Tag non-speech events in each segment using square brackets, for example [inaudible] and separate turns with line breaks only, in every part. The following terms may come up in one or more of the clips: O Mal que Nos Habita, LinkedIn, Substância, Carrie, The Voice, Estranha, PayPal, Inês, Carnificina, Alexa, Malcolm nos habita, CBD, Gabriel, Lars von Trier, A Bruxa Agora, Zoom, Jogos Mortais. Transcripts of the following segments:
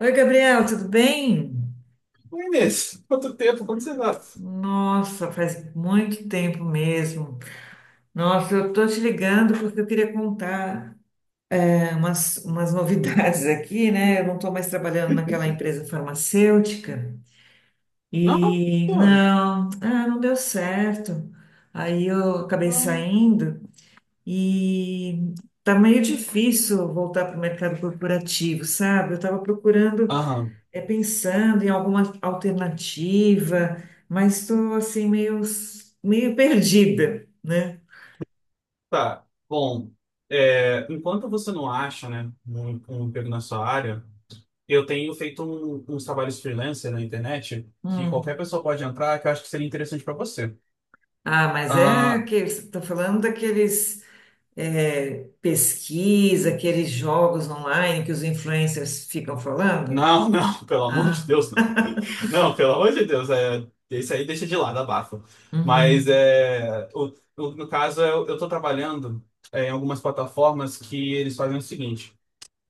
Oi, Gabriel, tudo bem?
Oi, Inês, quanto tempo, como você tá?
Nossa, faz muito tempo mesmo. Nossa, eu tô te ligando porque eu queria contar umas novidades [laughs] aqui, né? Eu não tô mais trabalhando naquela
[laughs]
empresa farmacêutica
Não?
e
Tô,
não, ah, não deu certo. Aí eu acabei
não.
saindo e tá meio difícil voltar para o mercado corporativo, sabe? Eu tava procurando
Aham,
é pensando em alguma alternativa, mas estou assim meio perdida, né?
tá. Bom, enquanto você não acha, né, um emprego na sua área, eu tenho feito uns trabalhos freelancer na internet que qualquer
Hum.
pessoa pode entrar, que eu acho que seria interessante para você.
Ah, mas é
Ah,
que você está falando daqueles pesquisa, aqueles jogos online que os influencers ficam falando?
não, não, [laughs] pelo amor de
Ah,
Deus, não. Não, pelo amor de Deus, isso aí deixa de lado, abafa. Mas
uhum.
é, no caso, eu tô trabalhando em algumas plataformas que eles fazem o seguinte.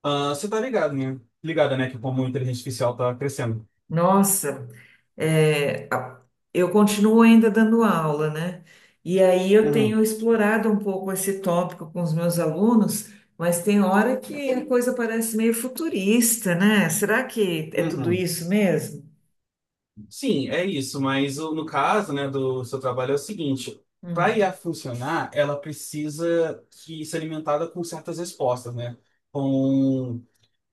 Ah, você tá ligado, né? Ligada, né? Que como a inteligência artificial tá crescendo.
Nossa, é, a- eu continuo ainda dando aula, né? E aí eu tenho
Uhum,
explorado um pouco esse tópico com os meus alunos, mas tem hora que a coisa parece meio futurista, né? Será que é tudo
uhum.
isso mesmo?
Sim, é isso, mas no caso, né, do seu trabalho é o seguinte. Para I a
Hum.
funcionar, ela precisa que ser alimentada com certas respostas, né? Com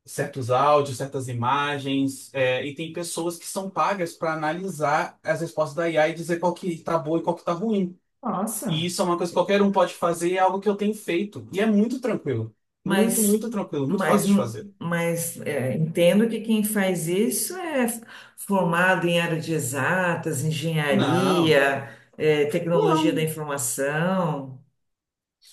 certos áudios, certas imagens, e tem pessoas que são pagas para analisar as respostas da IA e dizer qual que tá boa e qual que tá ruim. E
Nossa,
isso é uma coisa que qualquer um pode fazer, é algo que eu tenho feito. E é muito tranquilo. Muito,
mas,
muito tranquilo, muito fácil de fazer.
entendo que quem faz isso é formado em área de exatas,
Não,
engenharia, é, tecnologia da
não.
informação.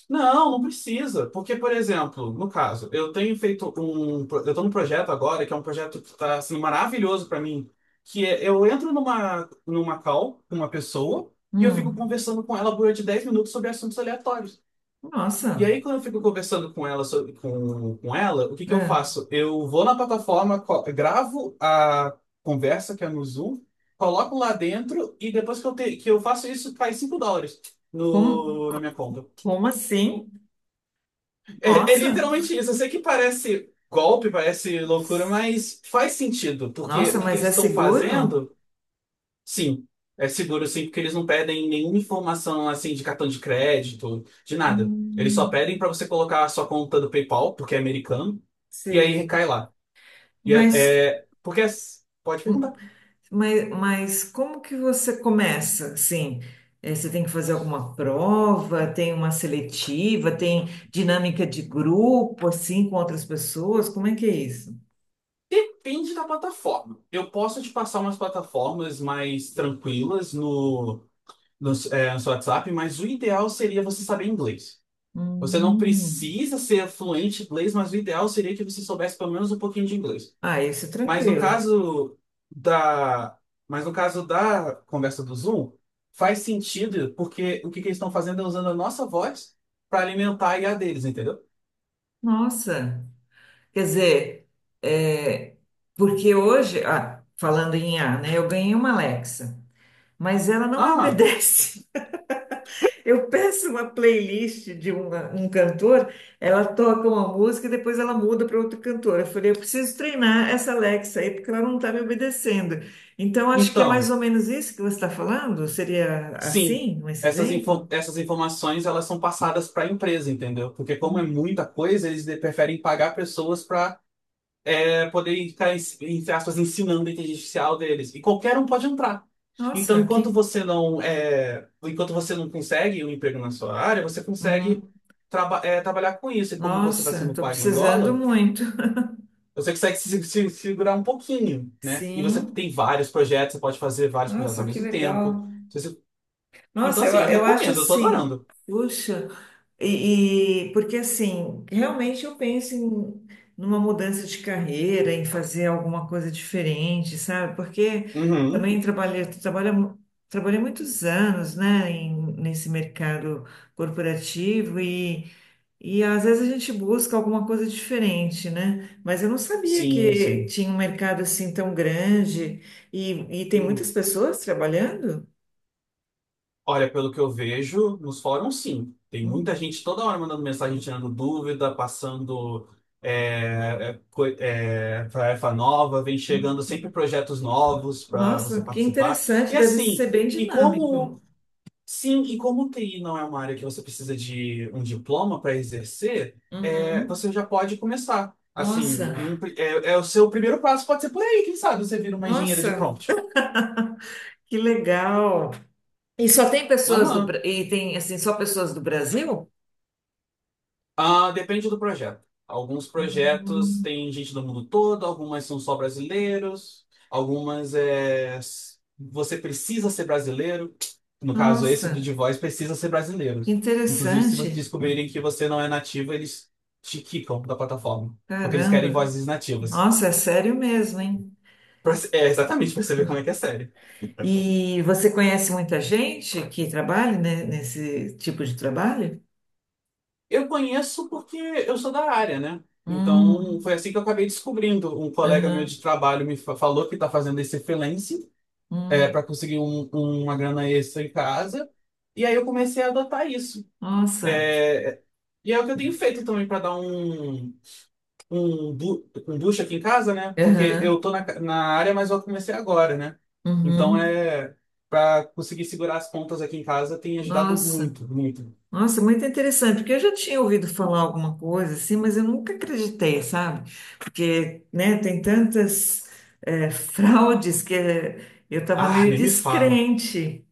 Não, não precisa. Porque, por exemplo, no caso, eu tenho feito um. Pro- Eu estou num projeto agora, que é um projeto que está assim, maravilhoso para mim. Que é, eu entro numa call com uma pessoa e eu fico
Hum.
conversando com ela durante 10 minutos sobre assuntos aleatórios. E
Nossa,
aí, quando eu fico conversando com ela, com ela, o que que eu
é.
faço? Eu vou na plataforma, gravo a conversa que é no Zoom, coloco lá dentro e depois que que eu faço isso, cai 5 dólares
Como,
no, na minha conta.
como assim?
É, é
Nossa,
literalmente isso. Eu sei que parece golpe, parece loucura, mas faz sentido, porque
nossa,
o que que
mas
eles
é
estão
seguro?
fazendo? Sim, é seguro sim, porque eles não pedem nenhuma informação assim de cartão de crédito, de nada. Eles só
Hum,
pedem para você colocar a sua conta do PayPal, porque é americano, e aí
sei.
recai lá. E é,
Mas,
Pode perguntar.
mas como que você começa? Sim, é, você tem que fazer alguma prova, tem uma seletiva, tem dinâmica de grupo, assim, com outras pessoas? Como é que é isso?
Depende da plataforma. Eu posso te passar umas plataformas mais tranquilas no seu WhatsApp, mas o ideal seria você saber inglês. Você não
Hum,
precisa ser fluente em inglês, mas o ideal seria que você soubesse pelo menos um pouquinho de inglês.
ah, isso é
Mas no
tranquilo.
caso da, mas no caso da conversa do Zoom, faz sentido, porque o que que eles estão fazendo é usando a nossa voz para alimentar a IA deles, entendeu?
Nossa. Quer dizer, é, porque hoje, ah, falando em A, né, eu ganhei uma Alexa, mas ela não me
Ah,
obedece. [laughs] Eu peço uma playlist de uma- um cantor, ela toca uma música e depois ela muda para outro cantor. Eu falei, eu preciso treinar essa Alexa aí, porque ela não está me obedecendo. Então, acho que é mais
então,
ou menos isso que você está falando? Seria
sim.
assim, esse exemplo?
Essas informações elas são passadas para a empresa, entendeu? Porque como é muita coisa, preferem pagar pessoas para poder ficar, entre aspas, ensinando a inteligência artificial deles. E qualquer um pode entrar.
Nossa, aqui.
Enquanto você não consegue um emprego na sua área, você consegue
Uhum.
trabalhar com isso. E como você está
Nossa,
sendo
estou
pago em
precisando
dólar,
muito.
você consegue segurar um pouquinho,
[laughs]
né? E você tem
Sim,
vários projetos, você pode fazer vários projetos
nossa,
ao
que
mesmo tempo.
legal.
Se você- Então,
Nossa, eu,
assim, eu
eu acho
recomendo, eu tô
assim,
adorando.
puxa, porque assim, realmente eu penso em numa mudança de carreira, em fazer alguma coisa diferente, sabe? Porque
Uhum.
também trabalhei muitos anos, né, em- nesse mercado corporativo e às vezes a gente busca alguma coisa diferente, né? Mas eu não sabia
Sim,
que
sim.
tinha um mercado assim tão grande e tem
Uhum.
muitas pessoas trabalhando.
Olha, pelo que eu vejo nos fóruns, sim. Tem muita
Hum.
gente toda hora mandando mensagem, tirando dúvida, passando tarefa nova, vem
Hum.
chegando sempre projetos novos para você
Nossa, que
participar.
interessante,
E
deve
assim,
ser bem
e como
dinâmico.
sim, e como TI não é uma área que você precisa de um diploma para exercer, é, você
Uhum.
já pode começar. Assim,
Nossa,
é o seu primeiro passo pode ser por aí, quem sabe você vira uma engenheira de
nossa,
prompt.
que legal. E só tem pessoas do
Aham.
Tem assim só pessoas do Brasil?
Ah, depende do projeto. Alguns projetos
Hum,
têm gente do mundo todo, algumas são só brasileiros, você precisa ser brasileiro. No caso, esse do
Nossa,
The Voice precisa ser brasileiro.
que
Inclusive, se vocês
interessante.
descobrirem que você não é nativo, eles te quicam da plataforma, porque eles querem
Caramba.
vozes nativas.
Nossa, é sério mesmo, hein?
É exatamente para saber como é que é sério.
E você conhece muita gente que trabalha, né, nesse tipo de trabalho?
Eu conheço porque eu sou da área, né? Então,
Hum,
foi assim que eu acabei descobrindo. Um colega meu
aham,
de trabalho falou que está fazendo esse freelance.
hum,
Para conseguir uma grana extra em casa. E aí eu comecei a adotar isso.
nossa,
É, e é o que eu tenho feito também para dar um boost aqui em casa, né? Porque
aham,
eu tô na área, mas eu comecei agora, né? Então
uhum,
é para conseguir segurar as pontas aqui em casa tem ajudado
nossa.
muito, muito.
Nossa, muito interessante, porque eu já tinha ouvido falar alguma coisa assim, mas eu nunca acreditei, sabe? Porque, né, tem tantas [laughs] fraudes que eu estava
Ah,
meio
nem me fala.
descrente.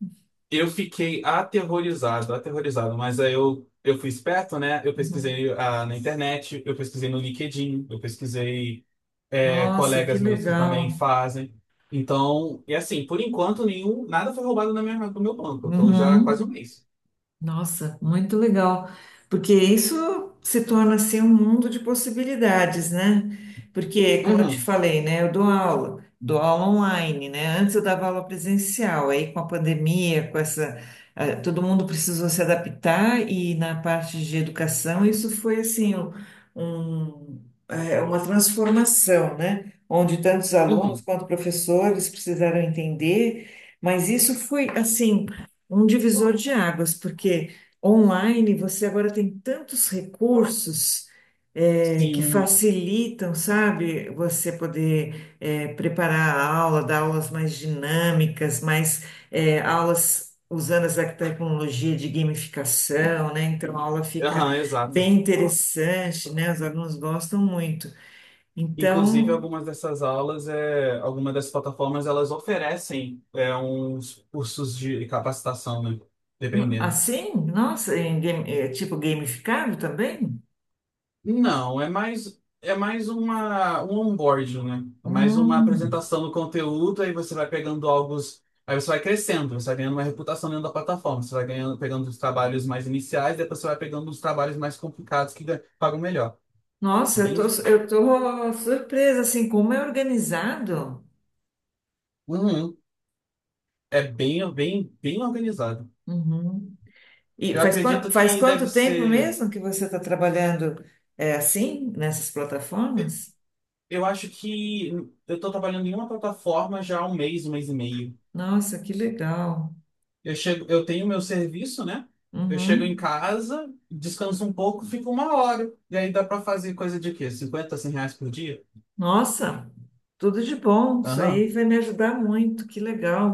Eu fiquei aterrorizado, aterrorizado, mas aí eu fui esperto, né? Eu
Uhum.
pesquisei ah, na internet, eu pesquisei no LinkedIn, eu pesquisei
Nossa, que
colegas meus que também
legal.
fazem. Então, e assim, por enquanto, nenhum, nada foi roubado do meu banco. Eu tô já há quase um
Uhum.
mês.
Nossa, muito legal, porque isso se torna assim um mundo de possibilidades, né? Porque, como eu te
Uhum,
falei, né, eu dou aula online, né? Antes eu dava aula presencial, aí com a pandemia, com todo mundo precisou se adaptar e na parte de educação isso foi assim um, uma transformação, né? Onde tantos alunos
uhum.
quanto professores precisaram entender, mas isso foi assim um divisor de águas, porque online você agora tem tantos recursos que
Sim.
facilitam, sabe, você poder preparar a aula, dar aulas mais dinâmicas, mais aulas usando essa tecnologia de gamificação, né? Então a aula fica
Aham, exato.
bem interessante, né? Os alunos gostam muito.
Inclusive,
Então,
algumas dessas plataformas, elas oferecem uns cursos de capacitação, né? Dependendo.
assim, nossa, em tipo gamificado também?
Não, é mais uma um onboarding, né? É mais uma
Hum.
apresentação do conteúdo, aí você vai pegando algo, aí você vai crescendo, você vai ganhando uma reputação dentro da plataforma, você vai ganhando pegando os trabalhos mais iniciais, depois você vai pegando os trabalhos mais complicados que pagam melhor,
Nossa, eu tô,
entende?
eu tô surpresa, assim, como é organizado.
Uhum. É bem organizado.
Uhum. E
Eu
faz,
acredito
faz
que deve
quanto tempo
ser,
mesmo que você está trabalhando é, assim, nessas plataformas?
eu acho que eu estou trabalhando em uma plataforma já há um mês e meio.
Nossa, que legal.
Eu chego, eu tenho meu serviço, né? Eu chego em
Uhum.
casa, descanso um pouco, fico uma hora. E aí dá pra fazer coisa de quê? Cinquenta, 100 reais por dia?
Nossa, tudo de bom. Isso aí
Aham.
vai me ajudar muito, que legal.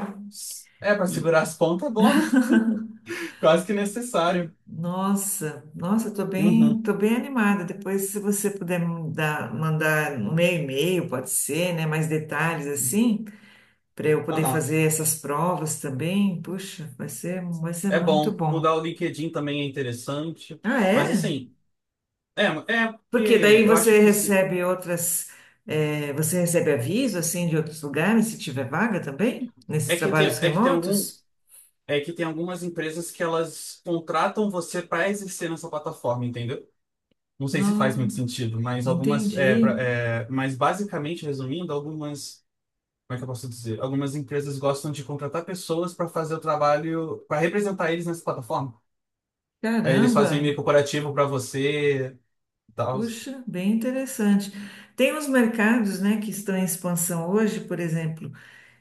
É, pra
E,
segurar as pontas é bom, né? [laughs] Quase que necessário.
nossa, nossa,
Uhum.
tô bem animada. Depois, se você puder mandar no meu e-mail, pode ser, né, mais detalhes assim. Para eu poder
Aham.
fazer essas provas também. Puxa, vai ser
É
muito
bom.
bom.
Mudar o LinkedIn também é interessante.
Ah,
Mas
é?
assim, é, é porque
Porque daí
eu acho
você
que se,
recebe você recebe aviso assim de outros lugares se tiver vaga também nesses
é que
trabalhos remotos?
tem algumas empresas que elas contratam você para exercer nessa plataforma, entendeu? Não sei se faz
Não,
muito sentido, mas algumas.
entendi.
Mas basicamente, resumindo, algumas. Como é que eu posso dizer? Algumas empresas gostam de contratar pessoas para fazer o trabalho, para representar eles nessa plataforma. Aí eles fazem um
Caramba.
e-mail corporativo para você e tal.
Puxa, bem interessante. Tem uns mercados, né, que estão em expansão hoje, por exemplo,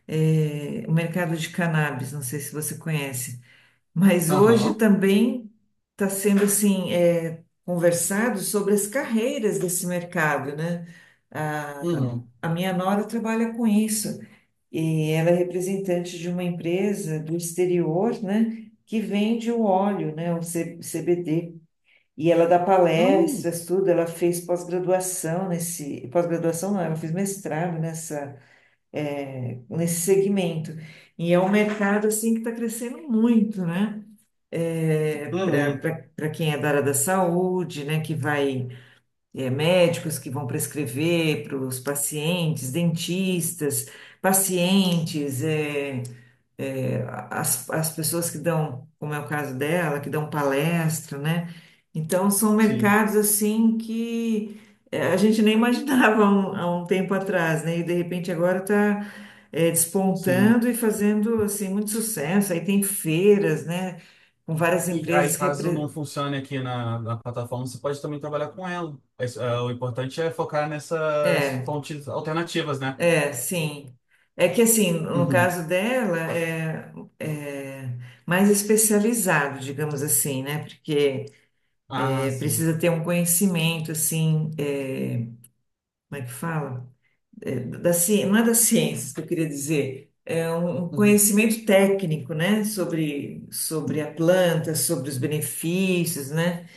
o mercado de cannabis, não sei se você conhece. Mas hoje
Aham.
também está sendo assim é, conversado sobre as carreiras desse mercado, né? A,
Uhum.
a minha nora trabalha com isso e ela é representante de uma empresa do exterior, né? Que vende o óleo, né? O C- CBD. E ela dá
Uhum.
palestras, tudo. Ela fez pós-graduação nesse pós-graduação não, ela fez mestrado nessa é, nesse segmento. E é um mercado assim que está crescendo muito, né?
Uhum.
Para quem é da área da saúde, né, que vai, é, médicos que vão prescrever para os pacientes, dentistas, pacientes, é, é, as pessoas que dão, como é o caso dela, que dão palestra, né? Então, são
Sim.
mercados assim que é, a gente nem [laughs] imaginava há um tempo atrás, né? E de repente agora está
Sim.
despontando e fazendo assim muito sucesso. Aí tem feiras, né? Com várias
E aí,
empresas
caso não
repre...
funcione na plataforma, você pode também trabalhar com ela. Mas, ah, o importante é focar nessas
É,
fontes alternativas, né?
sim. É que assim, no
Uhum.
caso dela, é, é mais especializado, digamos assim, né? Porque
Ah, sim.
precisa ter um conhecimento, assim, é, como é que fala? É, não é das ciências que eu queria dizer, é um um
Uhum.
conhecimento técnico, né? Sobre a planta, sobre os benefícios, né?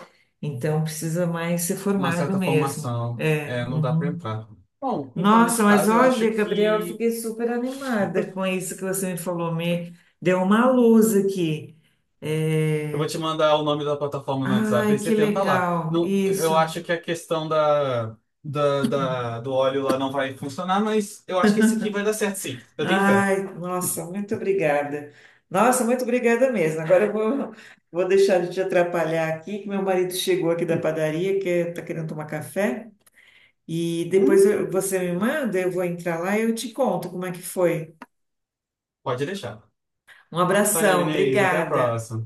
Então, precisa mais ser
Uma
formado
certa
mesmo.
formação,
É,
é, não dá para
uhum.
entrar. Bom, então
Nossa,
nesse
mas
caso eu acho
olha, Gabriel, eu
que
fiquei super animada com isso que você me falou, me deu uma luz aqui.
eu vou
É,
te mandar o nome da plataforma no WhatsApp
ai,
e você
que
tenta lá.
legal,
Não,
isso.
eu acho que a questão da, da, da- do óleo lá não vai funcionar, mas eu acho que esse aqui vai dar certo sim. Eu tenho fé.
Ai, nossa, muito obrigada. Nossa, muito obrigada mesmo. Agora eu vou, vou deixar de te atrapalhar aqui, que meu marido chegou aqui da padaria, que está querendo tomar café. E depois
Uhum.
você me manda, eu vou entrar lá e eu te conto como é que foi.
Pode deixar.
Um
Valeu,
abração,
Inês. Até a
obrigada.
próxima.